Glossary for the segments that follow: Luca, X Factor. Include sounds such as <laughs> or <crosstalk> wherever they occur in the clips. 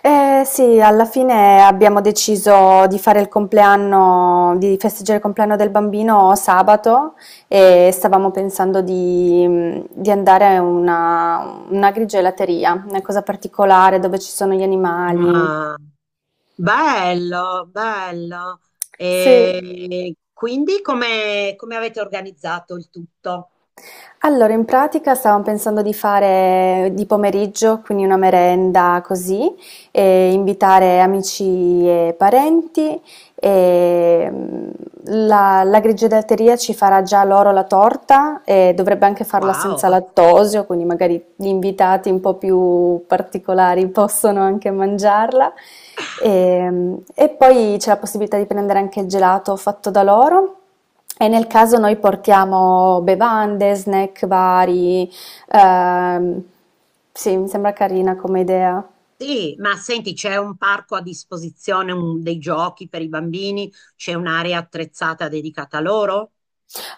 Eh sì, alla fine abbiamo deciso di fare il compleanno, di festeggiare il compleanno del bambino sabato e stavamo pensando di andare a una grigelateria, una cosa particolare dove ci sono gli animali. Ah, bello, bello. Sì. E quindi come avete organizzato il tutto? Allora, in pratica stavamo pensando di fare di pomeriggio, quindi una merenda così, e invitare amici e parenti. E la grigiodatteria ci farà già loro la torta e dovrebbe anche farla senza Wow, lattosio, quindi magari gli invitati un po' più particolari possono anche mangiarla. E poi c'è la possibilità di prendere anche il gelato fatto da loro. E nel caso noi portiamo bevande, snack vari, ehm, sì, mi sembra carina come idea. sì, ma senti, c'è un parco a disposizione, dei giochi per i bambini, c'è un'area attrezzata dedicata a loro?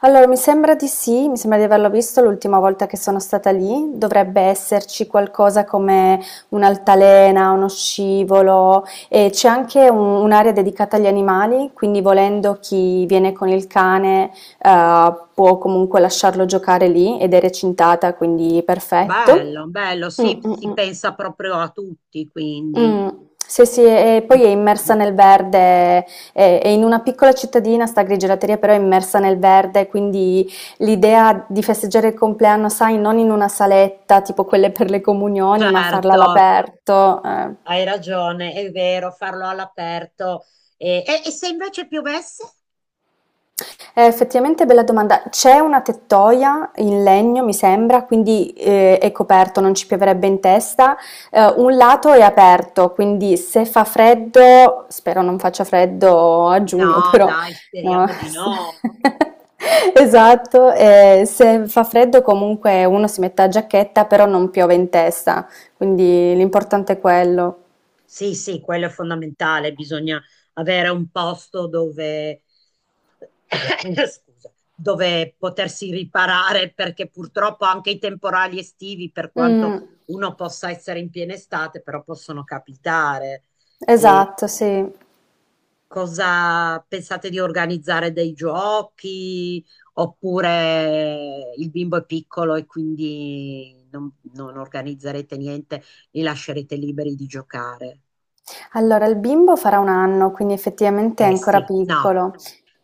Allora, mi sembra di sì, mi sembra di averlo visto l'ultima volta che sono stata lì. Dovrebbe esserci qualcosa come un'altalena, uno scivolo e c'è anche un'area dedicata agli animali, quindi volendo chi viene con il cane, può comunque lasciarlo giocare lì ed è recintata, quindi perfetto. Bello, bello, Mm, sì, mm, si mm. pensa proprio a tutti, quindi. Mh. Sì, sì, e poi è immersa nel verde, è in una piccola cittadina, 'sta grigielateria, però è immersa nel verde, quindi l'idea di festeggiare il compleanno, sai, non in una saletta tipo quelle per le comunioni, ma farla Certo, all'aperto. Hai ragione, è vero, farlo all'aperto. E se invece piovesse? Effettivamente bella domanda. C'è una tettoia in legno, mi sembra, quindi è coperto, non ci pioverebbe in testa. Un lato è aperto, quindi se fa freddo, spero non faccia freddo a giugno, No, però dai, no. speriamo di <laughs> no. Esatto, se fa freddo comunque uno si mette la giacchetta, però non piove in testa, quindi l'importante è quello. Sì, sì, quello è fondamentale. Bisogna avere un posto dove, <coughs> scusa, dove potersi riparare perché purtroppo anche i temporali estivi, per quanto Mm, uno possa essere in piena estate, però possono capitare. esatto, sì. Cosa pensate di organizzare dei giochi? Oppure il bimbo è piccolo e quindi non organizzerete niente, li lascerete liberi di giocare? Allora, il bimbo farà 1 anno, quindi effettivamente è Eh ancora sì, no, piccolo.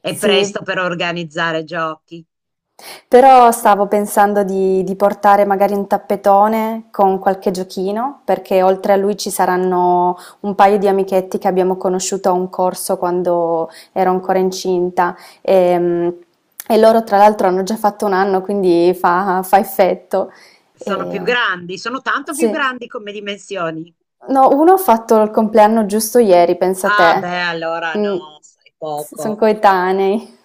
è presto Sì, per organizzare giochi. però stavo pensando di portare magari un tappetone con qualche giochino, perché oltre a lui ci saranno un paio di amichetti che abbiamo conosciuto a un corso quando ero ancora incinta, ehm, e loro tra l'altro hanno già fatto 1 anno, quindi fa effetto. Sono più Ehm, grandi, sono tanto più sì. grandi come dimensioni. No, uno ho fatto il compleanno giusto ieri, pensa Ah te. beh, allora Mh. no, sai s Son poco. coetanei.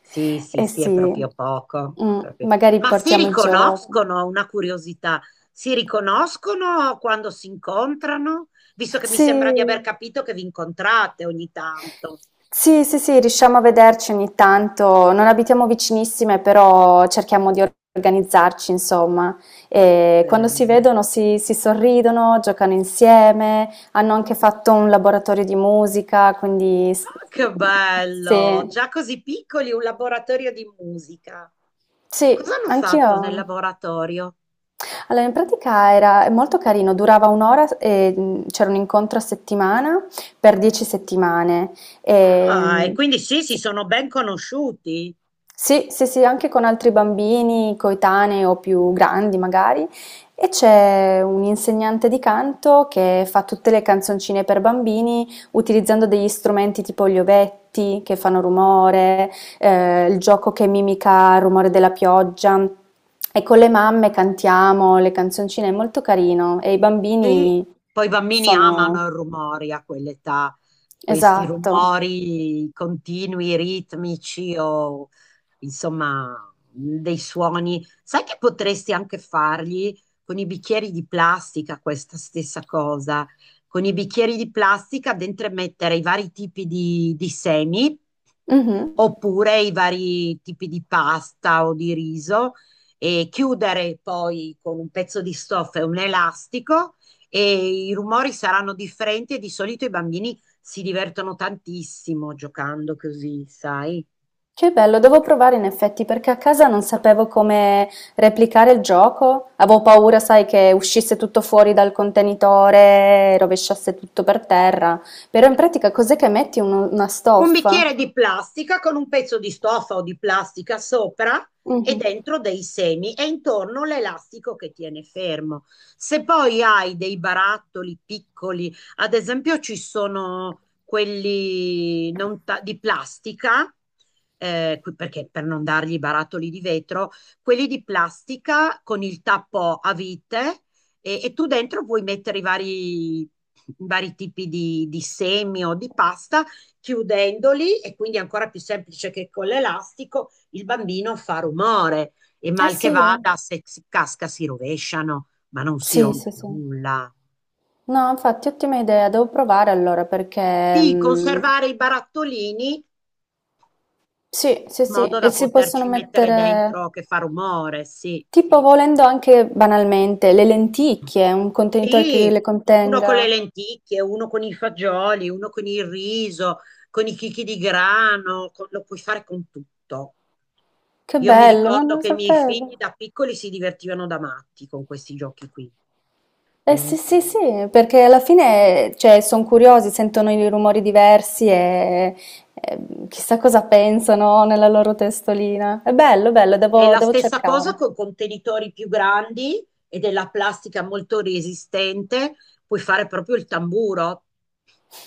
Sì, sì, Eh sì, è sì. proprio poco. Magari Ma si portiamo i giochi. riconoscono, una curiosità, si riconoscono quando si incontrano? Visto che mi Sì. sembra di aver capito che vi incontrate ogni tanto. Sì, sì, sì, riusciamo a vederci ogni tanto. Non abitiamo vicinissime, però cerchiamo di organizzarci, insomma. E quando si Bene. vedono si sorridono, giocano insieme, hanno anche fatto un laboratorio di musica, quindi. S Ah, che Mhmm, bello! sì. Già così piccoli, un laboratorio di musica. Sì, Cosa hanno fatto nel anch'io. laboratorio? Allora, in pratica era è molto carino, durava un'ora e c'era un incontro a settimana per 10 settimane. E, Ah, e quindi sì, si sono ben conosciuti. sì, sì, sì, anche con altri bambini coetanei o più grandi magari. E c'è un insegnante di canto che fa tutte le canzoncine per bambini utilizzando degli strumenti tipo gli ovetti che fanno rumore, il gioco che mimica il rumore della pioggia. E con le mamme cantiamo le canzoncine, è molto carino. E i Sì. bambini Poi i bambini amano i sono. rumori a quell'età, questi Esatto. rumori continui, ritmici o insomma dei suoni. Sai che potresti anche fargli con i bicchieri di plastica questa stessa cosa? Con i bicchieri di plastica dentro mettere i vari tipi di semi Mhm. oppure i vari tipi di pasta o di riso e chiudere poi con un pezzo di stoffa e un elastico e i rumori saranno differenti e di solito i bambini si divertono tantissimo giocando così, sai? Che bello, devo provare in effetti perché a casa non sapevo come replicare il gioco. Avevo paura, sai, che uscisse tutto fuori dal contenitore, rovesciasse tutto per terra. Però in pratica cos'è che metti? Una Un stoffa? bicchiere di plastica con un pezzo di stoffa o di plastica sopra e Mhm. dentro dei semi e intorno l'elastico che tiene fermo. Se poi hai dei barattoli piccoli, ad esempio ci sono quelli non ta- di plastica, perché per non dargli i barattoli di vetro, quelli di plastica con il tappo a vite e tu dentro puoi mettere i vari tipi di semi o di pasta chiudendoli e quindi è ancora più semplice che con l'elastico il bambino fa rumore e Ah mal che sì? Eh? vada se si casca si rovesciano, ma non si Sì, sì, rompe sì. nulla. No, infatti, ottima idea, devo provare allora, perché. Sì, conservare i barattolini in Sì, sì, modo sì, e da si possono poterci mettere mettere. dentro che fa rumore, sì. Tipo volendo anche banalmente le lenticchie, un contenitore che Sì, le uno con le contenga. lenticchie, uno con i fagioli, uno con il riso, con i chicchi di grano, lo puoi fare con tutto. Che Io mi bello, no, ricordo non lo che i miei figli sapevo. da piccoli si divertivano da matti con questi giochi qui. Eh sì, Quindi sì, sì, perché alla fine, cioè, sono curiosi, sentono i rumori diversi e chissà cosa pensano nella loro testolina. È bello, bello, è devo, la devo stessa cosa cercare. con contenitori più grandi e della plastica molto resistente. Puoi fare proprio il tamburo.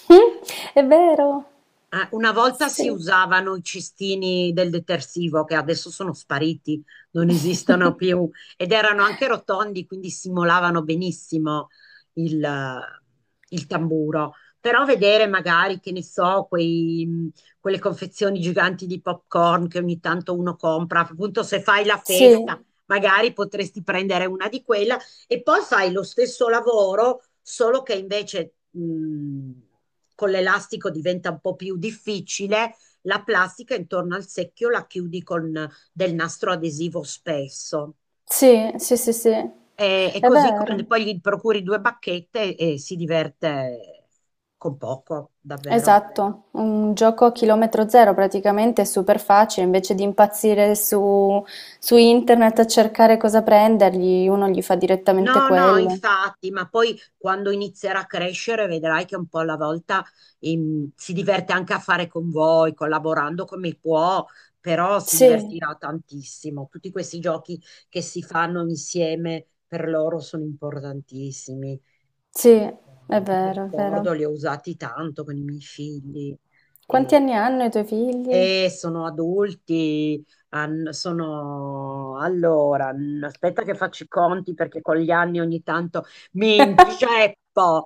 Mm. È vero, Una volta si sì. usavano i cestini del detersivo che adesso sono spariti, non esistono <laughs> più ed erano anche rotondi, quindi simulavano benissimo il, eh, il tamburo. Però vedere magari, che ne so, quelle confezioni giganti di popcorn che ogni tanto uno compra, appunto se fai la Sì, festa, magari potresti prendere una di quelle e poi fai lo stesso lavoro, solo che invece con l'elastico diventa un po' più difficile. La plastica intorno al secchio la chiudi con del nastro adesivo spesso. sì, sì, sì, sì, E, e è così con- vero. poi gli procuri due bacchette e si diverte con poco, davvero. Esatto, un gioco a chilometro zero praticamente, è super facile, invece di impazzire su internet a cercare cosa prendergli, uno gli fa direttamente No, no, quello. infatti, ma poi quando inizierà a crescere vedrai che un po' alla volta si diverte anche a fare con voi, collaborando come può, però si Sì, divertirà tantissimo. Tutti questi giochi che si fanno insieme per loro sono importantissimi. sì, è Mi vero, è ricordo, vero. li ho usati tanto con i miei figli. Quanti anni hanno i tuoi figli? E sono adulti, sono... Allora, aspetta che faccio i conti perché con gli anni ogni tanto mi inceppo.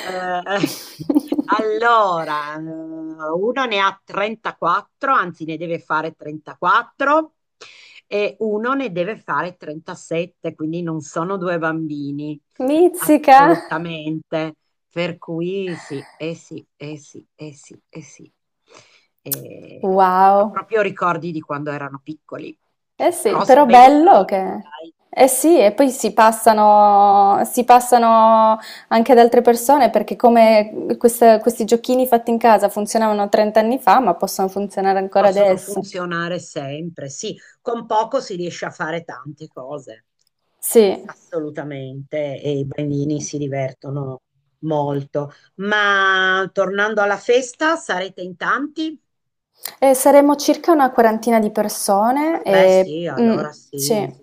Eh, <laughs> allora, uno ne ha 34, anzi ne deve fare 34 e uno ne deve fare 37, quindi non sono due bambini, Mizzica! assolutamente. Per cui sì, eh sì, eh sì, eh sì, eh sì. Eh, ho Wow. proprio ricordi di quando erano piccoli, Eh sì, però sono però bei bello ricordi, che. dai. Eh Sì. sì, e poi si passano anche ad altre persone perché come questi giochini fatti in casa funzionavano 30 anni fa, ma possono funzionare ancora Possono adesso. funzionare sempre, sì, con poco si riesce a fare tante cose, Sì. assolutamente, e i bambini si divertono molto. Ma tornando alla festa, sarete in tanti? Saremo circa una quarantina di persone, Eh beh, e sì, allora sì, sì,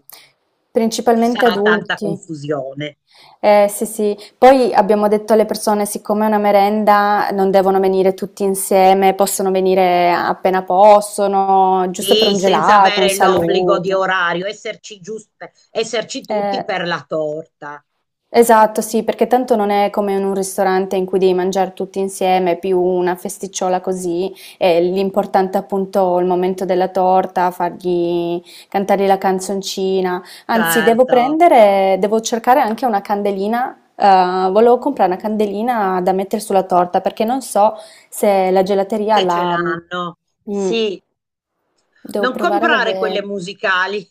ci principalmente sarà tanta adulti. confusione. Sì, sì. Poi abbiamo detto alle persone, siccome è una merenda, non devono venire tutti insieme, possono venire appena possono, giusto per Sì, un senza gelato, un avere l'obbligo di saluto. orario, esserci giusti, esserci tutti Eh, per la torta, Esatto, sì, perché tanto non è come in un ristorante in cui devi mangiare tutti insieme, è più una festicciola così, e l'importante è appunto il momento della torta, fargli cantare la canzoncina. Anzi, devo certo, prendere, devo cercare anche una candelina, volevo comprare una candelina da mettere sulla torta, perché non so se la gelateria se ce la. l'hanno. Mm, Sì, devo Non provare a comprare quelle vedere. musicali,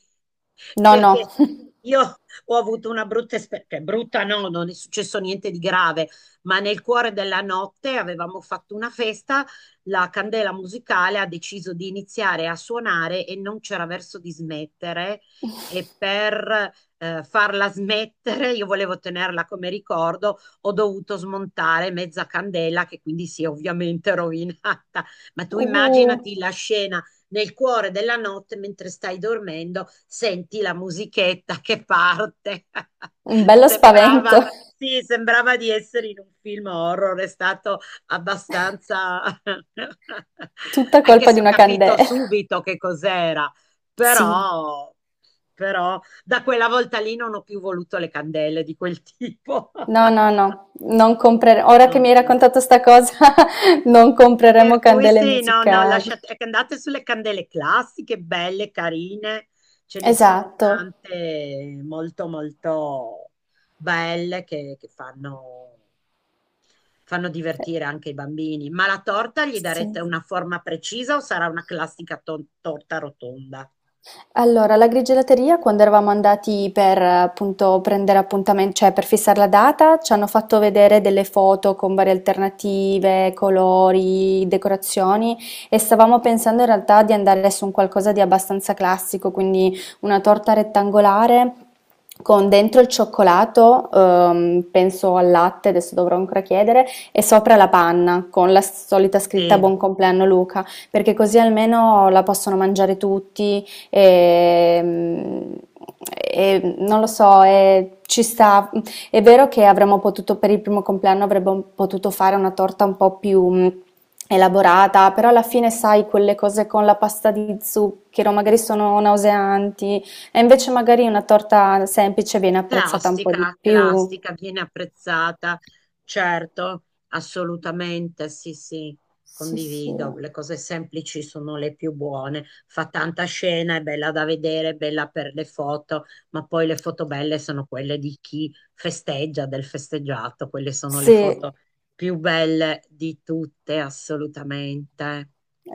No, no. perché <laughs> io ho avuto una brutta esperienza, brutta no, non è successo niente di grave, ma nel cuore della notte avevamo fatto una festa, la candela musicale ha deciso di iniziare a suonare e non c'era verso di smettere. Per farla smettere, io volevo tenerla come ricordo, ho dovuto smontare mezza candela che quindi si è ovviamente <laughs> rovinata. Ma tu Uh, immaginati la scena nel cuore della notte, mentre stai dormendo, senti la musichetta che parte. <laughs> un bello spavento. Sembrava, sì, sembrava di essere in un film horror, è stato abbastanza... <laughs> Tutta anche colpa di se ho una capito candela. subito che cos'era, Sì, però, però da quella volta lì non ho più voluto le candele di quel tipo. no, <laughs> no, no, non compreremo. Ora che mi hai Non- raccontato sta cosa, <laughs> non compreremo Per cui candele sì, no, no, musicali. lasciate, ecco, andate sulle candele classiche, belle, carine, ce ne sono Esatto. tante molto, molto belle che fanno Eh, divertire anche i bambini. Ma la torta gli darete Sì. una forma precisa o sarà una classica torta rotonda? Allora, alla grigielateria quando eravamo andati per appunto prendere appuntamen cioè per fissare la data, ci hanno fatto vedere delle foto con varie alternative, colori, decorazioni, e stavamo pensando in realtà di andare su un qualcosa di abbastanza classico, quindi una torta rettangolare con dentro il cioccolato, penso al latte, adesso dovrò ancora chiedere, e sopra la panna con la solita scritta Sì. Buon compleanno Luca, perché così almeno la possono mangiare tutti. Ehm, e non lo so, e ci sta. È vero che avremmo potuto, per il primo compleanno, avremmo potuto fare una torta un po' più elaborata, però alla fine, sai, quelle cose con la pasta di zucchero magari sono nauseanti, e invece magari una torta semplice viene apprezzata un po' di Classica, più. classica, viene apprezzata, certo, assolutamente, sì, sì, Sì, sì. condivido, le cose semplici sono le più buone, fa tanta scena, è bella da vedere, è bella per le foto, ma poi le foto belle sono quelle di chi festeggia, del festeggiato, quelle sono le Sì. foto più belle di tutte, assolutamente.